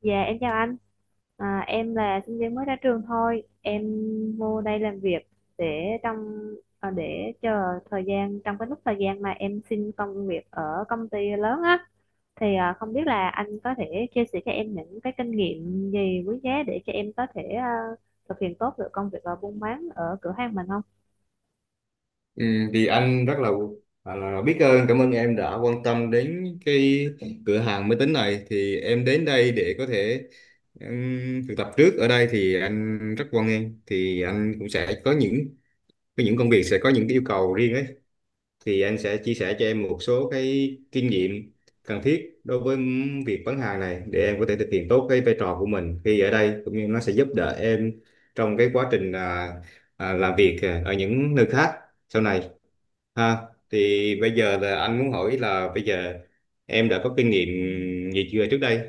Dạ em chào anh. Em là sinh viên mới ra trường thôi, em vô đây làm việc để trong để chờ thời gian. Trong cái lúc thời gian mà em xin công việc ở công ty lớn á, không biết là anh có thể chia sẻ cho em những cái kinh nghiệm gì quý giá để cho em có thể thực hiện tốt được công việc ở buôn bán ở cửa hàng mình không? Ừ, thì anh là biết ơn cảm ơn em đã quan tâm đến cái cửa hàng máy tính này. Thì em đến đây để có thể thực tập trước ở đây thì anh rất hoan nghênh. Thì anh cũng sẽ có những công việc, sẽ có những cái yêu cầu riêng ấy, thì anh sẽ chia sẻ cho em một số cái kinh nghiệm cần thiết đối với việc bán hàng này để em có thể thực hiện tốt cái vai trò của mình khi ở đây, cũng như nó sẽ giúp đỡ em trong cái quá trình làm việc ở những nơi khác sau này ha. Thì bây giờ là anh muốn hỏi là bây giờ em đã có kinh nghiệm gì chưa trước đây.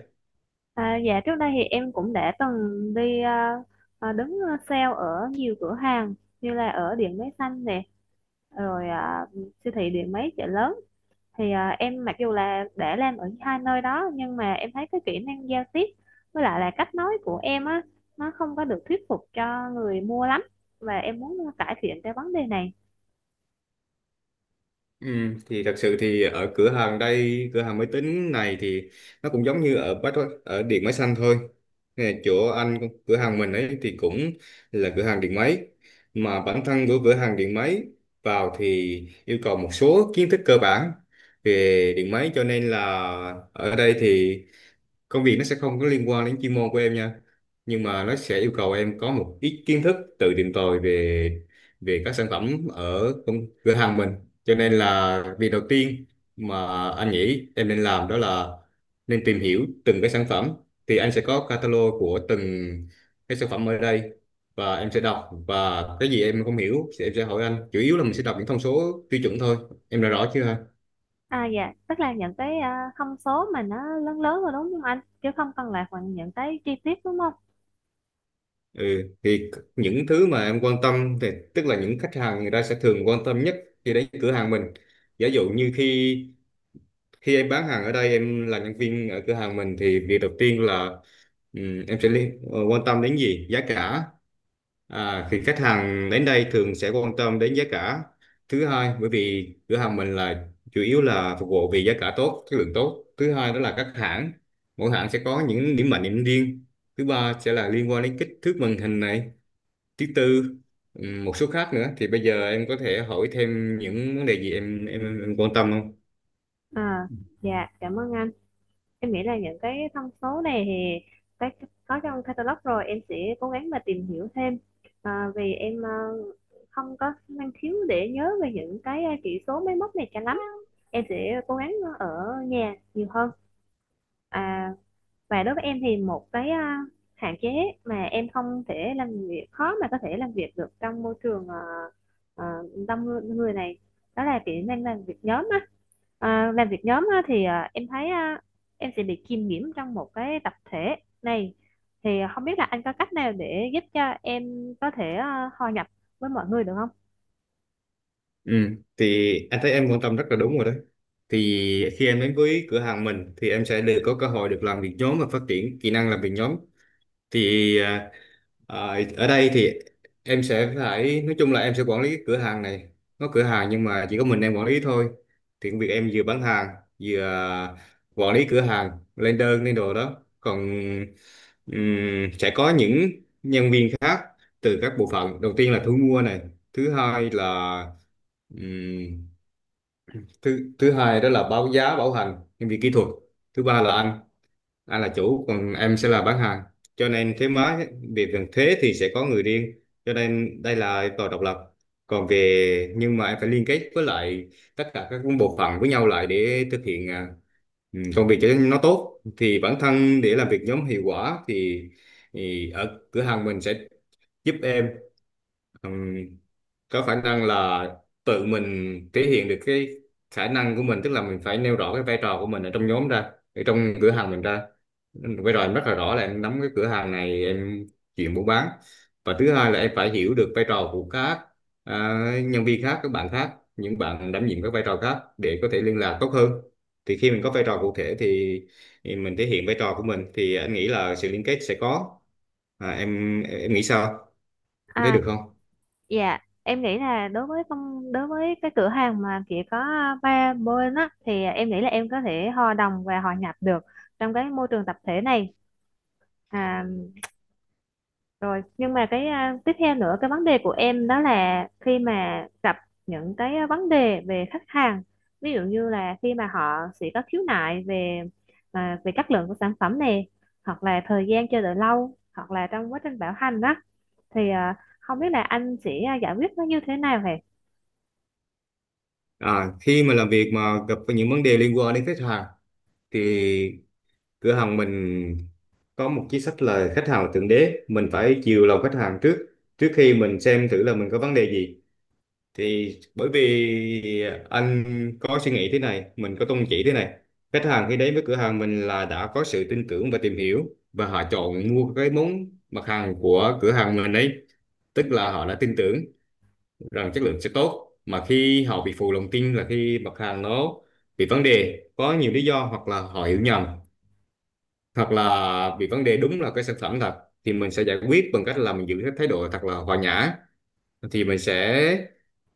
Dạ trước đây thì em cũng đã từng đi đứng sale ở nhiều cửa hàng, như là ở Điện Máy Xanh nè, rồi à, siêu thị Điện Máy chợ lớn. Em mặc dù là đã làm ở hai nơi đó nhưng mà em thấy cái kỹ năng giao tiếp với lại là cách nói của em á, nó không có được thuyết phục cho người mua lắm, và em muốn cải thiện cái vấn đề này. ừ, thì thật sự thì ở cửa hàng đây, cửa hàng máy tính này thì nó cũng giống như ở ở điện máy xanh thôi. Nè, chỗ anh, cửa hàng mình ấy thì cũng là cửa hàng điện máy, mà bản thân của cửa hàng điện máy vào thì yêu cầu một số kiến thức cơ bản về điện máy. Cho nên là ở đây thì công việc nó sẽ không có liên quan đến chuyên môn của em nha, nhưng mà nó sẽ yêu cầu em có một ít kiến thức tự tìm tòi về về các sản phẩm ở cửa hàng mình. Cho nên là việc đầu tiên mà anh nghĩ em nên làm đó là nên tìm hiểu từng cái sản phẩm. Thì anh sẽ có catalog của từng cái sản phẩm ở đây, và em sẽ đọc, và cái gì em không hiểu thì em sẽ hỏi anh. Chủ yếu là mình sẽ đọc những thông số tiêu chuẩn thôi. Em đã rõ chưa? À dạ, tức là những cái thông số mà nó lớn lớn rồi đúng không anh, chứ không cần là những cái chi tiết đúng không? Ừ, thì những thứ mà em quan tâm thì tức là những khách hàng người ta sẽ thường quan tâm nhất khi đến cửa hàng mình. Giả dụ như khi khi em bán hàng ở đây, em là nhân viên ở cửa hàng mình, thì việc đầu tiên là em sẽ quan tâm đến gì? Giá cả. À, thì khách hàng đến đây thường sẽ quan tâm đến giá cả. Thứ hai, bởi vì cửa hàng mình là chủ yếu là phục vụ vì giá cả tốt, chất lượng tốt. Thứ hai đó là các hãng, mỗi hãng sẽ có những điểm mạnh điểm riêng. Thứ ba sẽ là liên quan đến kích thước màn hình này. Thứ tư, một số khác nữa. Thì bây giờ em có thể hỏi thêm những vấn đề gì em quan tâm không? À dạ, cảm ơn anh. Em nghĩ là những cái thông số này thì cái có trong catalog rồi, em sẽ cố gắng mà tìm hiểu thêm. Vì em không có năng khiếu để nhớ về những cái chỉ số máy móc này cho lắm. Em sẽ cố gắng ở nhà nhiều hơn. à, và đối với em thì một cái hạn chế mà em không thể làm việc, khó mà có thể làm việc được trong môi trường ờ, đông người người này, đó là kỹ năng làm việc nhóm á. À, làm việc nhóm á, em thấy em sẽ bị kiêm nhiễm trong một cái tập thể này. Thì không biết là anh có cách nào để giúp cho em có thể hòa nhập với mọi người được không? Ừ. Thì anh thấy em quan tâm rất là đúng rồi đấy. Thì khi em đến với cửa hàng mình thì em sẽ được có cơ hội được làm việc nhóm và phát triển kỹ năng làm việc nhóm. thì à, Ở đây thì em sẽ phải, nói chung là em sẽ quản lý cái cửa hàng này. Có cửa hàng nhưng mà chỉ có mình em quản lý thôi. Thì công việc em vừa bán hàng, vừa quản lý cửa hàng, lên đơn lên đồ đó. Còn sẽ có những nhân viên khác từ các bộ phận. Đầu tiên là thu mua này. Thứ hai là, ừm, thứ thứ hai đó là báo giá, bảo hành, nhân viên kỹ thuật. Thứ ba là anh là chủ, còn em sẽ là bán hàng. Cho nên thuế má, về phần thuế thì sẽ có người riêng, cho nên đây là tòa độc lập. Còn về, nhưng mà em phải liên kết với lại tất cả các bộ phận với nhau lại để thực hiện công việc cho nó tốt. Thì bản thân để làm việc nhóm hiệu quả thì ở cửa hàng mình sẽ giúp em Ừm, có khả năng là tự mình thể hiện được cái khả năng của mình. Tức là mình phải nêu rõ cái vai trò của mình ở trong nhóm ra, ở trong cửa hàng mình ra. Vai trò em rất là rõ là em nắm cái cửa hàng này, em chuyện buôn bán. Và thứ hai là em phải hiểu được vai trò của các à, nhân viên khác, các bạn khác, những bạn đảm nhiệm các vai trò khác để có thể liên lạc tốt hơn. Thì khi mình có vai trò cụ thể thì mình thể hiện vai trò của mình, thì anh nghĩ là sự liên kết sẽ có. Em nghĩ sao? Em thấy À, được không? dạ, em nghĩ là đối với đối với cái cửa hàng mà chỉ có ba bên á, thì em nghĩ là em có thể hòa đồng và hòa nhập được trong cái môi trường tập thể này. À, rồi nhưng mà tiếp theo nữa, cái vấn đề của em đó là khi mà gặp những cái vấn đề về khách hàng, ví dụ như là khi mà họ sẽ có khiếu nại về về chất lượng của sản phẩm này, hoặc là thời gian chờ đợi lâu, hoặc là trong quá trình bảo hành đó, thì à, không biết là anh sẽ giải quyết nó như thế nào hề? À, khi mà làm việc mà gặp phải những vấn đề liên quan đến khách hàng thì cửa hàng mình có một chính sách là khách hàng là thượng đế, mình phải chiều lòng khách hàng trước, trước khi mình xem thử là mình có vấn đề gì. Thì bởi vì anh có suy nghĩ thế này, mình có tôn chỉ thế này: khách hàng khi đến với cửa hàng mình là đã có sự tin tưởng và tìm hiểu, và họ chọn mua cái mặt hàng của cửa hàng mình ấy, tức là họ đã tin tưởng rằng chất lượng sẽ tốt. Mà khi họ bị phụ lòng tin là khi mặt hàng nó bị vấn đề, có nhiều lý do, hoặc là họ hiểu nhầm, hoặc là bị vấn đề đúng là cái sản phẩm thật. Thì mình sẽ giải quyết bằng cách là mình giữ cái thái độ thật là hòa nhã. Thì mình sẽ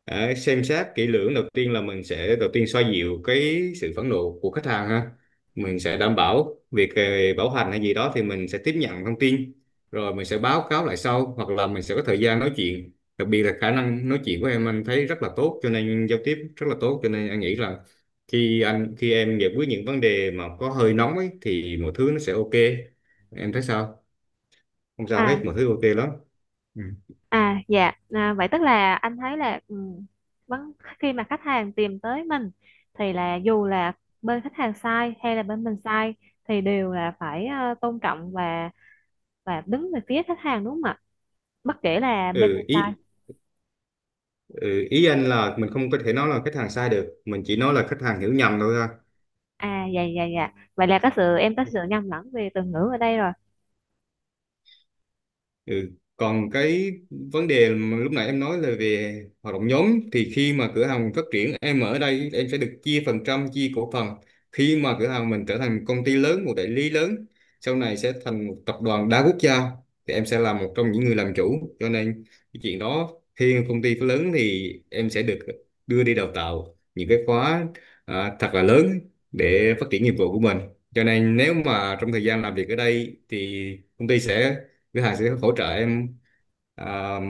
xem xét kỹ lưỡng. Đầu tiên là mình sẽ đầu tiên xoa dịu cái sự phẫn nộ của khách hàng ha. Mình sẽ đảm bảo việc bảo hành hay gì đó, thì mình sẽ tiếp nhận thông tin rồi mình sẽ báo cáo lại sau, hoặc là mình sẽ có thời gian nói chuyện. Đặc biệt là khả năng nói chuyện của em anh thấy rất là tốt, cho nên giao tiếp rất là tốt, cho nên anh nghĩ là khi em giải quyết những vấn đề mà có hơi nóng ấy thì mọi thứ nó sẽ ok. Em thấy sao? Không sao À, hết, mọi thứ ok lắm. ừ, à dạ, vậy tức là anh thấy là vấn khi mà khách hàng tìm tới mình, thì là dù là bên khách hàng sai hay là bên mình sai, thì đều là phải tôn trọng và đứng về phía khách hàng đúng không ạ, bất kể là bên Ừ, mình ý sai? Ừ, ý anh là mình không có thể nói là khách hàng sai được, mình chỉ nói là khách hàng hiểu nhầm thôi ha. À dạ, dạ, dạ, vậy là có sự, em có sự nhầm lẫn về từ ngữ ở đây rồi. Ừ. Còn cái vấn đề mà lúc nãy em nói là về hoạt động nhóm, thì khi mà cửa hàng mình phát triển, em ở đây em sẽ được chia phần trăm, chia cổ phần. Khi mà cửa hàng mình trở thành công ty lớn, một đại lý lớn, sau này sẽ thành một tập đoàn đa quốc gia, thì em sẽ là một trong những người làm chủ. Cho nên cái chuyện đó, khi công ty lớn thì em sẽ được đưa đi đào tạo những cái khóa thật là lớn để phát triển nghiệp vụ của mình. Cho nên nếu mà trong thời gian làm việc ở đây thì công ty sẽ, thứ hai sẽ hỗ trợ em, à,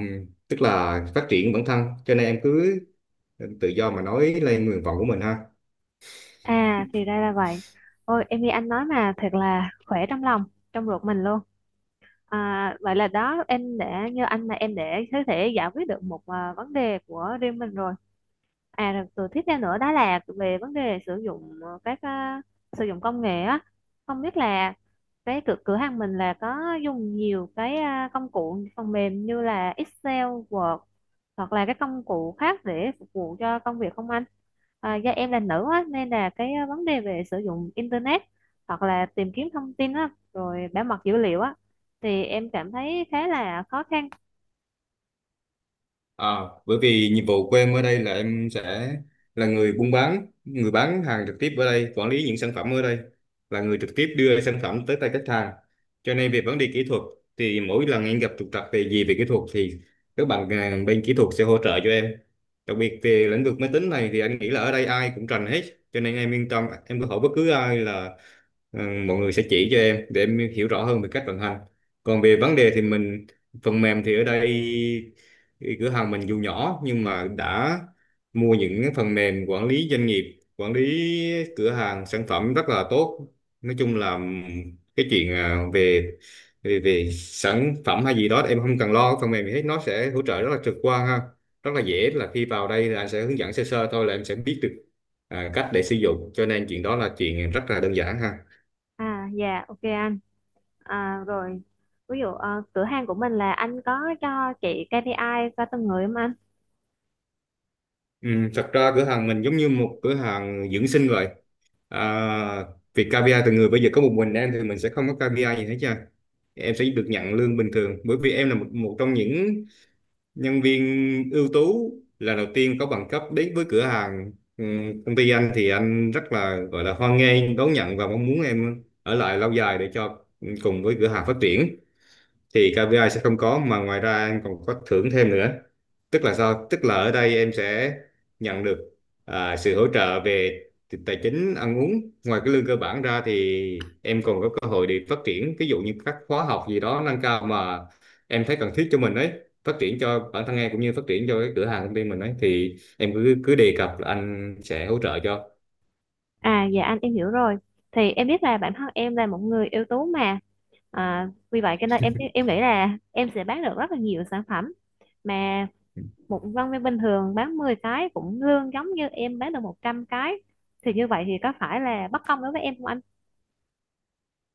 tức là phát triển bản thân. Cho nên em cứ tự do mà nói lên nguyện vọng của mình ha. À, thì ra là vậy. Ôi em nghe anh nói mà thật là khỏe trong lòng, trong ruột mình luôn. À, vậy là đó em để như anh là em để có thể giải quyết được một vấn đề của riêng mình rồi. À rồi, tôi tiếp theo nữa đó là về vấn đề sử dụng sử dụng công nghệ á. Không biết là cái cửa cửa hàng mình là có dùng nhiều cái công cụ phần mềm như là Excel, Word, hoặc là các công cụ khác để phục vụ cho công việc không anh? À, do em là nữ á nên là cái vấn đề về sử dụng internet hoặc là tìm kiếm thông tin á, rồi bảo mật dữ liệu á, thì em cảm thấy khá là khó khăn. À, bởi vì nhiệm vụ của em ở đây là em sẽ là người buôn bán, người bán hàng trực tiếp ở đây, quản lý những sản phẩm ở đây, là người trực tiếp đưa sản phẩm tới tay khách hàng. Cho nên về vấn đề kỹ thuật thì mỗi lần em gặp trục trặc về gì về kỹ thuật thì các bạn bên kỹ thuật sẽ hỗ trợ cho em. Đặc biệt về lĩnh vực máy tính này thì anh nghĩ là ở đây ai cũng rành hết, cho nên em yên tâm, em có hỏi bất cứ ai là ừ, mọi người sẽ chỉ cho em để em hiểu rõ hơn về cách vận hành. Còn về vấn đề thì phần mềm thì ở đây cửa hàng mình dù nhỏ nhưng mà đã mua những cái phần mềm quản lý doanh nghiệp, quản lý cửa hàng sản phẩm rất là tốt. Nói chung là cái chuyện à, về về về sản phẩm hay gì đó em không cần lo, cái phần mềm gì hết nó sẽ hỗ trợ rất là trực quan ha, rất là dễ. Là khi vào đây là anh sẽ hướng dẫn sơ sơ thôi là em sẽ biết được cách để sử dụng, cho nên chuyện đó là chuyện rất là đơn giản ha. À dạ, ok anh. Rồi ví dụ cửa hàng của mình là anh có cho chị KPI cho từng người không anh? Ừ, thật ra cửa hàng mình giống như một cửa hàng dưỡng sinh vậy. à, Việc KPI từ người, bây giờ có một mình em thì mình sẽ không có KPI gì hết trơn. Em sẽ được nhận lương bình thường, bởi vì em là một trong những nhân viên ưu tú lần đầu tiên có bằng cấp đến với cửa hàng. Ừ, Công ty anh thì anh rất là, gọi là hoan nghênh, đón nhận và mong muốn em ở lại lâu dài để cho cùng với cửa hàng phát triển. Thì KPI sẽ không có, mà ngoài ra em còn có thưởng thêm nữa. Tức là sao, tức là ở đây em sẽ nhận được sự hỗ trợ về tài chính, ăn uống. Ngoài cái lương cơ bản ra thì em còn có cơ hội để phát triển, ví dụ như các khóa học gì đó nâng cao mà em thấy cần thiết cho mình ấy, phát triển cho bản thân em cũng như phát triển cho cái cửa hàng công ty mình ấy, thì em cứ cứ đề cập là anh sẽ hỗ trợ cho. À dạ anh, em hiểu rồi. Thì em biết là bản thân em là một người ưu tú mà. Vì vậy cho nên em nghĩ là em sẽ bán được rất là nhiều sản phẩm, mà một nhân viên bình thường bán 10 cái cũng lương giống như em bán được 100 cái, thì như vậy thì có phải là bất công đối với em không?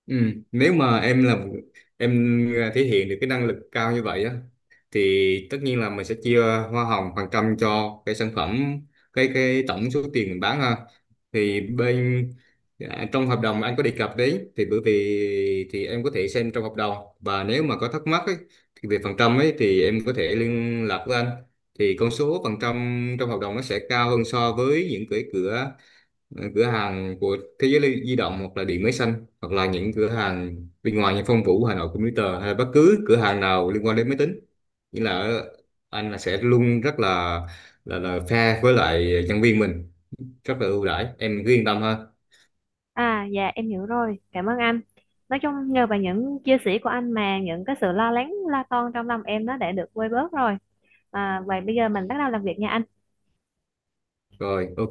Ừ. Nếu mà em thể hiện được cái năng lực cao như vậy á, thì tất nhiên là mình sẽ chia hoa hồng phần trăm cho cái sản phẩm, cái tổng số tiền mình bán ha. thì bên Trong hợp đồng anh có đề cập đấy. Thì bởi vì thì em có thể xem trong hợp đồng, và nếu mà có thắc mắc ấy, thì về phần trăm ấy thì em có thể liên lạc với anh. Thì con số phần trăm trong hợp đồng nó sẽ cao hơn so với những cái cửa hàng của Thế Giới Di Động, hoặc là Điện Máy Xanh, hoặc là những cửa hàng bên ngoài như Phong Vũ, Hà Nội Computer, hay là bất cứ cửa hàng nào liên quan đến máy tính. nghĩa là ở- anh là sẽ luôn rất là là fair với lại nhân viên mình, rất là ưu đãi. Em cứ yên tâm ha. À dạ, em hiểu rồi, cảm ơn anh. Nói chung nhờ vào những chia sẻ của anh mà những cái sự lo lắng, lo toan trong lòng em nó đã được vơi bớt rồi. À, vậy bây giờ mình bắt đầu làm việc nha anh. Rồi, ok.